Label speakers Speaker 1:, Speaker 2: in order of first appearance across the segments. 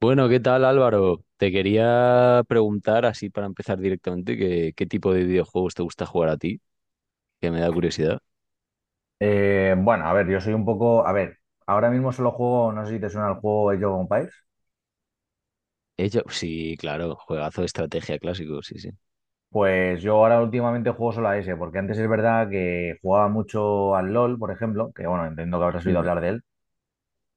Speaker 1: Bueno, ¿qué tal Álvaro? Te quería preguntar, así para empezar directamente, qué tipo de videojuegos te gusta jugar a ti, que me da curiosidad.
Speaker 2: Bueno, a ver, yo soy un poco. A ver, ahora mismo solo juego, no sé si te suena el juego Age of Empires.
Speaker 1: Ella, sí, claro, juegazo de estrategia clásico, sí, sí.
Speaker 2: Pues yo ahora últimamente juego solo a ese, porque antes es verdad que jugaba mucho al LOL, por ejemplo, que bueno, entiendo que habrás oído
Speaker 1: Mm,
Speaker 2: hablar de él.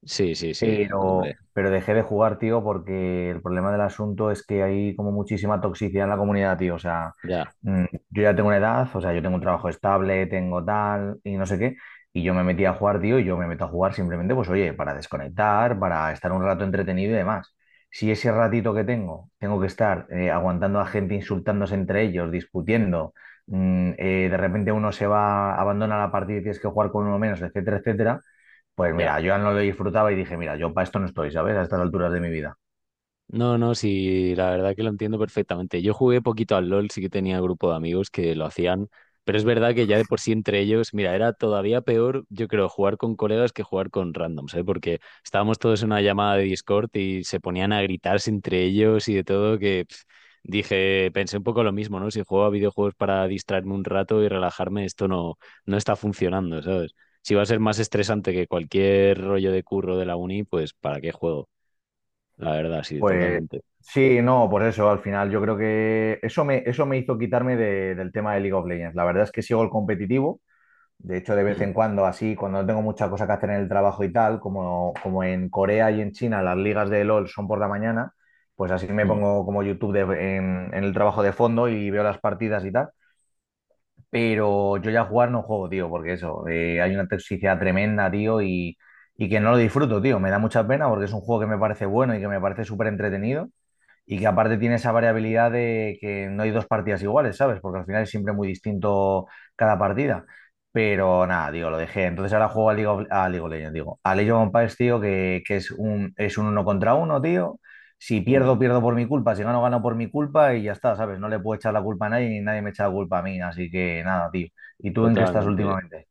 Speaker 1: sí, sí, sí, hombre,
Speaker 2: Pero dejé de jugar, tío, porque el problema del asunto es que hay como muchísima toxicidad en la comunidad, tío. O sea,
Speaker 1: ya,
Speaker 2: mm, yo ya tengo una edad, o sea, yo tengo un trabajo estable, tengo tal y no sé qué. Y yo me metí a jugar, tío, y yo me meto a jugar simplemente, pues oye, para desconectar, para estar un rato entretenido y demás. Si ese ratito que tengo, tengo que estar aguantando a gente insultándose entre ellos, discutiendo, de repente uno se va, abandona la partida y tienes que jugar con uno menos, etcétera, etcétera, pues
Speaker 1: ya.
Speaker 2: mira, yo ya no lo disfrutaba y dije, mira, yo para esto no estoy, ¿sabes? A estas alturas de mi vida.
Speaker 1: No, no, sí, la verdad que lo entiendo perfectamente. Yo jugué poquito al LOL, sí que tenía grupo de amigos que lo hacían, pero es verdad que ya de por sí entre ellos, mira, era todavía peor, yo creo, jugar con colegas que jugar con randoms, ¿eh? Porque estábamos todos en una llamada de Discord y se ponían a gritarse entre ellos y de todo, que pf, dije, pensé un poco lo mismo, ¿no? Si juego a videojuegos para distraerme un rato y relajarme, esto no, no está funcionando, ¿sabes? Si va a ser más estresante que cualquier rollo de curro de la uni, pues ¿para qué juego? La verdad, sí,
Speaker 2: Pues
Speaker 1: totalmente.
Speaker 2: sí, no, por eso, al final yo creo que eso me hizo quitarme del tema de League of Legends. La verdad es que sigo el competitivo. De hecho, de vez
Speaker 1: Mm,
Speaker 2: en cuando, así, cuando no tengo mucha cosa que hacer en el trabajo y tal, como en Corea y en China las ligas de LOL son por la mañana, pues así me
Speaker 1: mm,
Speaker 2: pongo como YouTube en el trabajo de fondo y veo las partidas y tal. Pero yo ya jugar no juego, tío, porque eso, hay una toxicidad tremenda, tío, y que no lo disfruto, tío. Me da mucha pena porque es un juego que me parece bueno y que me parece súper entretenido, y que aparte tiene esa variabilidad de que no hay dos partidas iguales, ¿sabes? Porque al final es siempre muy distinto cada partida. Pero nada, digo, lo dejé. Entonces ahora juego a a League of Legends, digo. A League of Empires, tío, que es es un uno contra uno, tío. Si
Speaker 1: mm,
Speaker 2: pierdo, pierdo por mi culpa. Si gano, gano por mi culpa y ya está, ¿sabes? No le puedo echar la culpa a nadie ni nadie me echa la culpa a mí. Así que nada, tío. ¿Y tú en qué estás
Speaker 1: Totalmente.
Speaker 2: últimamente?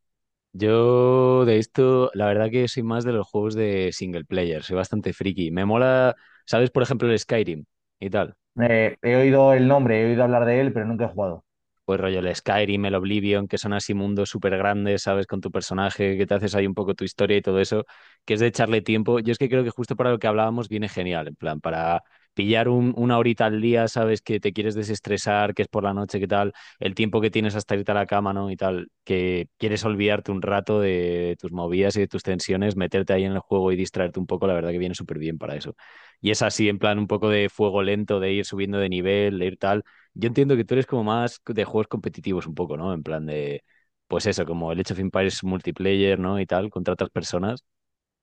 Speaker 1: Yo de esto, la verdad que soy más de los juegos de single player, soy bastante friki. Me mola, ¿sabes? Por ejemplo, el Skyrim y tal.
Speaker 2: He oído el nombre, he oído hablar de él, pero nunca he jugado.
Speaker 1: Pues rollo el Skyrim, el Oblivion, que son así mundos súper grandes, ¿sabes? Con tu personaje, que te haces ahí un poco tu historia y todo eso, que es de echarle tiempo. Yo es que creo que justo para lo que hablábamos viene genial, en plan, para pillar una horita al día, ¿sabes? Que te quieres desestresar, que es por la noche, que tal, el tiempo que tienes hasta irte a la cama, ¿no? Y tal, que quieres olvidarte un rato de tus movidas y de tus tensiones, meterte ahí en el juego y distraerte un poco, la verdad que viene súper bien para eso. Y es así, en plan, un poco de fuego lento, de ir subiendo de nivel, de ir tal. Yo entiendo que tú eres como más de juegos competitivos un poco, ¿no? En plan de, pues eso, como el Age of Empires multiplayer, ¿no? Y tal, contra otras personas.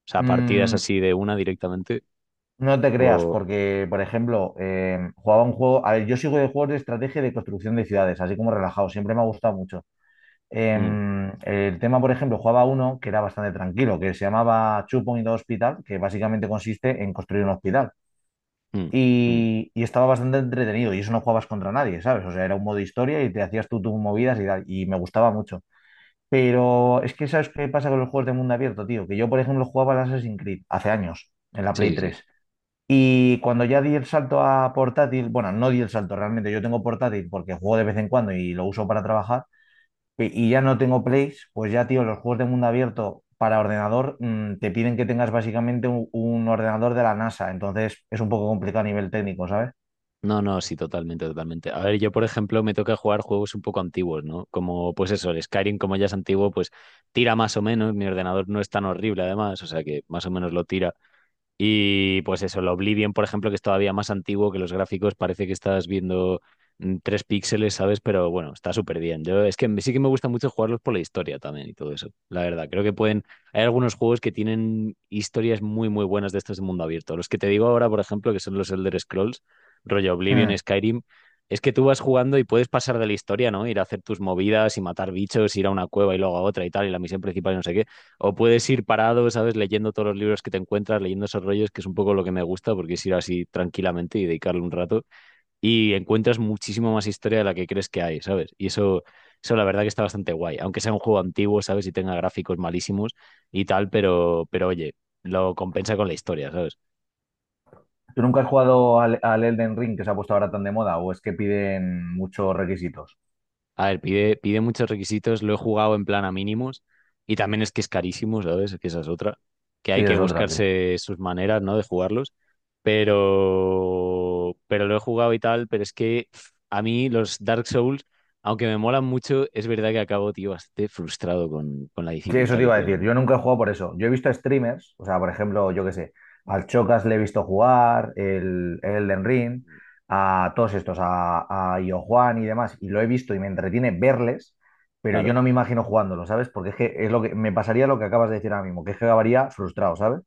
Speaker 1: O sea, partidas
Speaker 2: Mm.
Speaker 1: así de una directamente.
Speaker 2: No te creas,
Speaker 1: O...
Speaker 2: porque, por ejemplo, jugaba un juego. A ver, yo sigo de juegos de estrategia y de construcción de ciudades, así como relajado, siempre me ha gustado mucho.
Speaker 1: mm,
Speaker 2: El tema, por ejemplo, jugaba uno que era bastante tranquilo, que se llamaba Two Point Hospital, que básicamente consiste en construir un hospital.
Speaker 1: mm, mm.
Speaker 2: Y estaba bastante entretenido, y eso no jugabas contra nadie, ¿sabes? O sea, era un modo historia y te hacías tú tus movidas y tal, y me gustaba mucho. Pero es que, ¿sabes qué pasa con los juegos de mundo abierto, tío? Que yo, por ejemplo, jugaba al Assassin's Creed hace años, en la Play
Speaker 1: Sí, sí.
Speaker 2: 3. Y cuando ya di el salto a portátil, bueno, no di el salto realmente, yo tengo portátil porque juego de vez en cuando y lo uso para trabajar, y ya no tengo plays, pues ya, tío, los juegos de mundo abierto para ordenador te piden que tengas básicamente un ordenador de la NASA, entonces es un poco complicado a nivel técnico, ¿sabes?
Speaker 1: No, no, sí, totalmente, totalmente. A ver, yo, por ejemplo, me toca jugar juegos un poco antiguos, ¿no? Como, pues eso, el Skyrim, como ya es antiguo, pues tira más o menos. Mi ordenador no es tan horrible, además, o sea que más o menos lo tira. Y pues eso, el Oblivion, por ejemplo, que es todavía más antiguo que los gráficos, parece que estás viendo tres píxeles, ¿sabes? Pero bueno, está súper bien. Yo es que sí que me gusta mucho jugarlos por la historia también y todo eso. La verdad, creo que pueden. Hay algunos juegos que tienen historias muy, muy buenas de estos de mundo abierto. Los que te digo ahora, por ejemplo, que son los Elder Scrolls, rollo Oblivion,
Speaker 2: Mm.
Speaker 1: Skyrim, es que tú vas jugando y puedes pasar de la historia, ¿no? Ir a hacer tus movidas y matar bichos, ir a una cueva y luego a otra y tal, y la misión principal y no sé qué, o puedes ir parado, ¿sabes? Leyendo todos los libros que te encuentras, leyendo esos rollos, que es un poco lo que me gusta, porque es ir así tranquilamente y dedicarle un rato. Y encuentras muchísimo más historia de la que crees que hay, ¿sabes? Eso la verdad que está bastante guay. Aunque sea un juego antiguo, ¿sabes? Y tenga gráficos malísimos y tal, pero oye, lo compensa con la historia, ¿sabes?
Speaker 2: ¿Tú nunca has jugado al Elden Ring que se ha puesto ahora tan de moda o es que piden muchos requisitos?
Speaker 1: A ver, pide muchos requisitos, lo he jugado en plan a mínimos y también es que es carísimo, ¿sabes? Es que esa es otra, que
Speaker 2: Sí,
Speaker 1: hay
Speaker 2: esa
Speaker 1: que
Speaker 2: es otra.
Speaker 1: buscarse sus maneras, ¿no? De jugarlos, pero lo he jugado y tal, pero es que pf, a mí los Dark Souls, aunque me molan mucho, es verdad que acabo, tío, bastante frustrado con la
Speaker 2: Sí, eso
Speaker 1: dificultad
Speaker 2: te
Speaker 1: que
Speaker 2: iba a decir.
Speaker 1: tienen, ¿eh?
Speaker 2: Yo nunca he jugado por eso. Yo he visto streamers, o sea, por ejemplo, yo qué sé, al Chocas le he visto jugar, el Elden Ring, a todos estos, a Io y demás, y lo he visto y me entretiene verles, pero yo
Speaker 1: Claro.
Speaker 2: no me imagino jugándolo, ¿sabes? Porque es que es lo que me pasaría lo que acabas de decir ahora mismo, que es que acabaría frustrado, ¿sabes?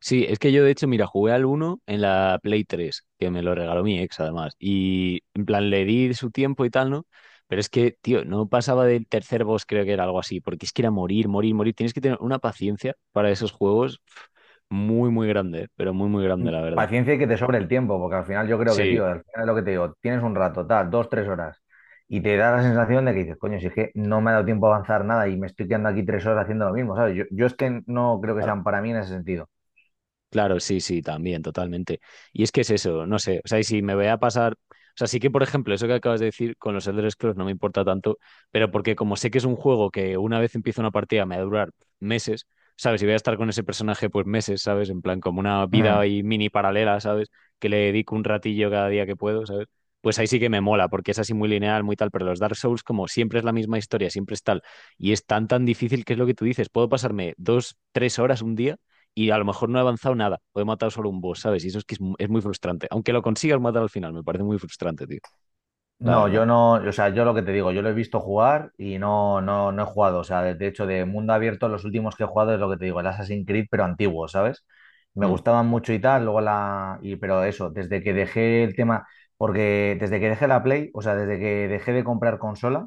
Speaker 1: Sí, es que yo de hecho, mira, jugué al uno en la Play 3 que me lo regaló mi ex además, y en plan le di su tiempo y tal, ¿no? Pero es que, tío, no pasaba del tercer boss, creo que era algo así, porque es que era morir, morir, morir. Tienes que tener una paciencia para esos juegos pf, muy, muy grande, pero muy, muy grande, la verdad.
Speaker 2: Paciencia y que te sobre el tiempo, porque al final yo creo que, tío,
Speaker 1: Sí,
Speaker 2: al final es lo que te digo, tienes un rato, tal, dos, tres horas, y te da la sensación de que dices, coño, si es que no me ha dado tiempo a avanzar nada y me estoy quedando aquí tres horas haciendo lo mismo, ¿sabes? Yo es que no creo que
Speaker 1: claro.
Speaker 2: sean para mí en ese sentido.
Speaker 1: Claro, sí, sí, también, totalmente. Y es que es eso, no sé, o sea, y si me voy a pasar, o sea, sí que, por ejemplo, eso que acabas de decir con los Elder Scrolls no me importa tanto, pero porque como sé que es un juego que una vez empiezo una partida me va a durar meses, ¿sabes? Y voy a estar con ese personaje pues meses, ¿sabes? En plan, como una vida
Speaker 2: Mm.
Speaker 1: ahí mini paralela, ¿sabes? Que le dedico un ratillo cada día que puedo, ¿sabes? Pues ahí sí que me mola, porque es así muy lineal, muy tal, pero los Dark Souls como siempre es la misma historia, siempre es tal, y es tan, tan difícil que es lo que tú dices, puedo pasarme dos, tres horas un día y a lo mejor no he avanzado nada, o he matado solo un boss, ¿sabes? Y eso es que es, es muy frustrante. Aunque lo consigas matar al final, me parece muy frustrante, tío. La
Speaker 2: No,
Speaker 1: verdad.
Speaker 2: yo no, o sea, yo lo que te digo, yo lo he visto jugar y no he jugado. O sea, de hecho, de mundo abierto, los últimos que he jugado es lo que te digo, el Assassin's Creed, pero antiguo, ¿sabes? Me
Speaker 1: Mm.
Speaker 2: gustaban mucho y tal, luego la. Y, pero eso, desde que dejé el tema, porque desde que dejé la Play, o sea, desde que dejé de comprar consola.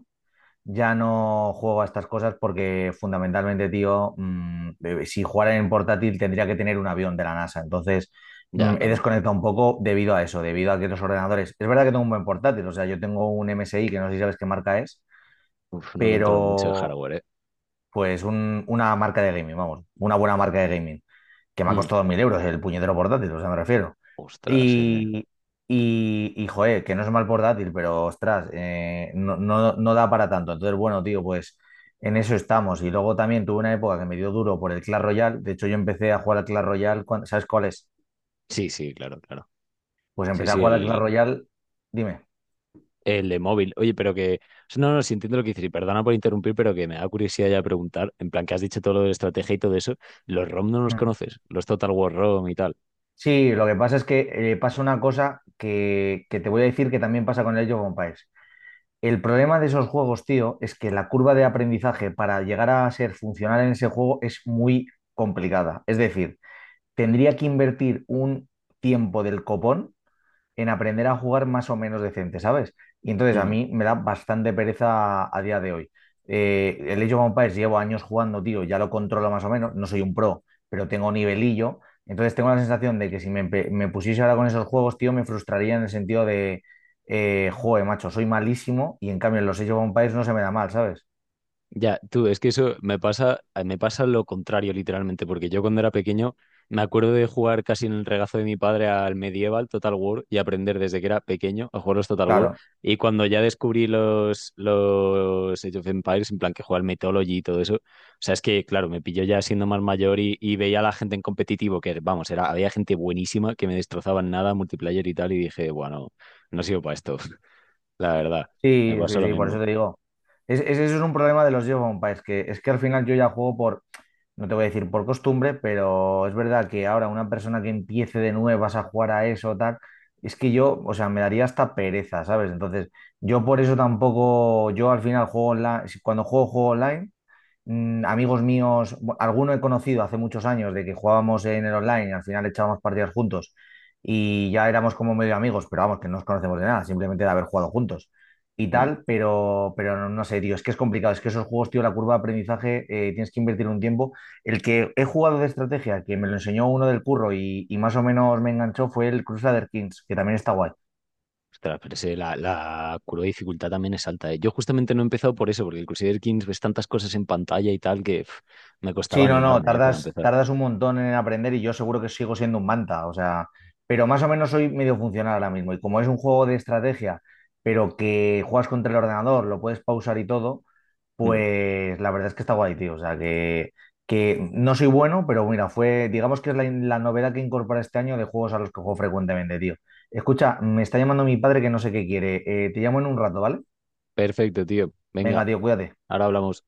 Speaker 2: Ya no juego a estas cosas porque fundamentalmente, tío, si jugara en portátil tendría que tener un avión de la NASA. Entonces,
Speaker 1: Ya,
Speaker 2: mm, he
Speaker 1: también.
Speaker 2: desconectado un poco debido a eso, debido a que los ordenadores. Es verdad que tengo un buen portátil, o sea, yo tengo un MSI que no sé si sabes qué marca es,
Speaker 1: Uf, no controlo mucho el
Speaker 2: pero
Speaker 1: hardware, ¿eh?
Speaker 2: pues una marca de gaming, vamos, una buena marca de gaming que me ha
Speaker 1: Mm.
Speaker 2: costado 1000 euros el puñetero portátil, o sea, me refiero.
Speaker 1: Ostras, eh.
Speaker 2: Y, joder, que no es mal portátil, pero ostras, no da para tanto. Entonces, bueno, tío, pues en eso estamos. Y luego también tuve una época que me dio duro por el Clash Royale. De hecho, yo empecé a jugar al Clash Royale, ¿sabes cuál es?
Speaker 1: Sí, sí, claro, claro.
Speaker 2: Pues
Speaker 1: Sí,
Speaker 2: empecé a
Speaker 1: sí,
Speaker 2: jugar al Clash Royale, dime.
Speaker 1: el de móvil. Oye, pero que... No, no, sí entiendo lo que dices. Y perdona por interrumpir, pero que me da curiosidad ya preguntar. En plan, que has dicho todo lo de estrategia y todo eso. ¿Los ROM no los
Speaker 2: Mm.
Speaker 1: conoces? Los Total War ROM y tal.
Speaker 2: Sí, lo que pasa es que pasa una cosa que te voy a decir que también pasa con el Age of Empires. El problema de esos juegos, tío, es que la curva de aprendizaje para llegar a ser funcional en ese juego es muy complicada. Es decir, tendría que invertir un tiempo del copón en aprender a jugar más o menos decente, ¿sabes? Y entonces a
Speaker 1: Mm.
Speaker 2: mí me da bastante pereza a día de hoy. El Age of Empires llevo años jugando, tío, ya lo controlo más o menos, no soy un pro, pero tengo nivelillo, entonces tengo la sensación de que si me, empe- me pusiese ahora con esos juegos, tío, me frustraría en el sentido de, joder, macho, soy malísimo y en cambio en los Age of Empires no se me da mal, ¿sabes?
Speaker 1: Ya, tú, es que eso me pasa lo contrario literalmente, porque yo cuando era pequeño me acuerdo de jugar casi en el regazo de mi padre al Medieval Total War y aprender desde que era pequeño a jugar los Total War.
Speaker 2: Claro,
Speaker 1: Y cuando ya descubrí los Age of Empires, en plan que jugaba al Mythology y todo eso, o sea, es que, claro, me pilló ya siendo más mayor y veía a la gente en competitivo, que vamos, era, había gente buenísima que me destrozaba en nada, multiplayer y tal, y dije, bueno, no sirvo para esto, la verdad, me
Speaker 2: sí,
Speaker 1: pasó
Speaker 2: sí,
Speaker 1: lo
Speaker 2: sí, por eso
Speaker 1: mismo.
Speaker 2: te digo. Ese es un problema de los Age of Empires, que es que al final yo ya juego por. No te voy a decir por costumbre, pero es verdad que ahora una persona que empiece de nuevas a jugar a eso, tal, es que yo, o sea, me daría hasta pereza, ¿sabes? Entonces, yo por eso tampoco, yo al final juego online, cuando juego, juego online amigos míos, alguno he conocido hace muchos años de que jugábamos en el online y al final echábamos partidas juntos y ya éramos como medio amigos, pero vamos, que no nos conocemos de nada, simplemente de haber jugado juntos y
Speaker 1: Mm.
Speaker 2: tal, pero no, no sé, tío, es que es complicado, es que esos juegos, tío, la curva de aprendizaje, tienes que invertir un tiempo. El que he jugado de estrategia, que me lo enseñó uno del curro y más o menos me enganchó, fue el Crusader Kings, que también está guay.
Speaker 1: Ostras, la, la curva de dificultad también es alta, ¿eh? Yo justamente no he empezado por eso, porque el Crusader Kings ves tantas cosas en pantalla y tal que pf, me costaba
Speaker 2: Sí, no, no,
Speaker 1: animarme, ¿eh? Para
Speaker 2: tardas,
Speaker 1: empezar.
Speaker 2: tardas un montón en aprender y yo seguro que sigo siendo un manta, o sea, pero más o menos soy medio funcional ahora mismo y como es un juego de estrategia, pero que juegas contra el ordenador, lo puedes pausar y todo,
Speaker 1: Mm.
Speaker 2: pues la verdad es que está guay, tío, que no soy bueno, pero mira, fue, digamos que es la novedad que incorpora este año de juegos a los que juego frecuentemente, tío. Escucha, me está llamando mi padre que no sé qué quiere. Te llamo en un rato, ¿vale?
Speaker 1: Perfecto, tío. Venga,
Speaker 2: Venga, tío, cuídate.
Speaker 1: ahora hablamos.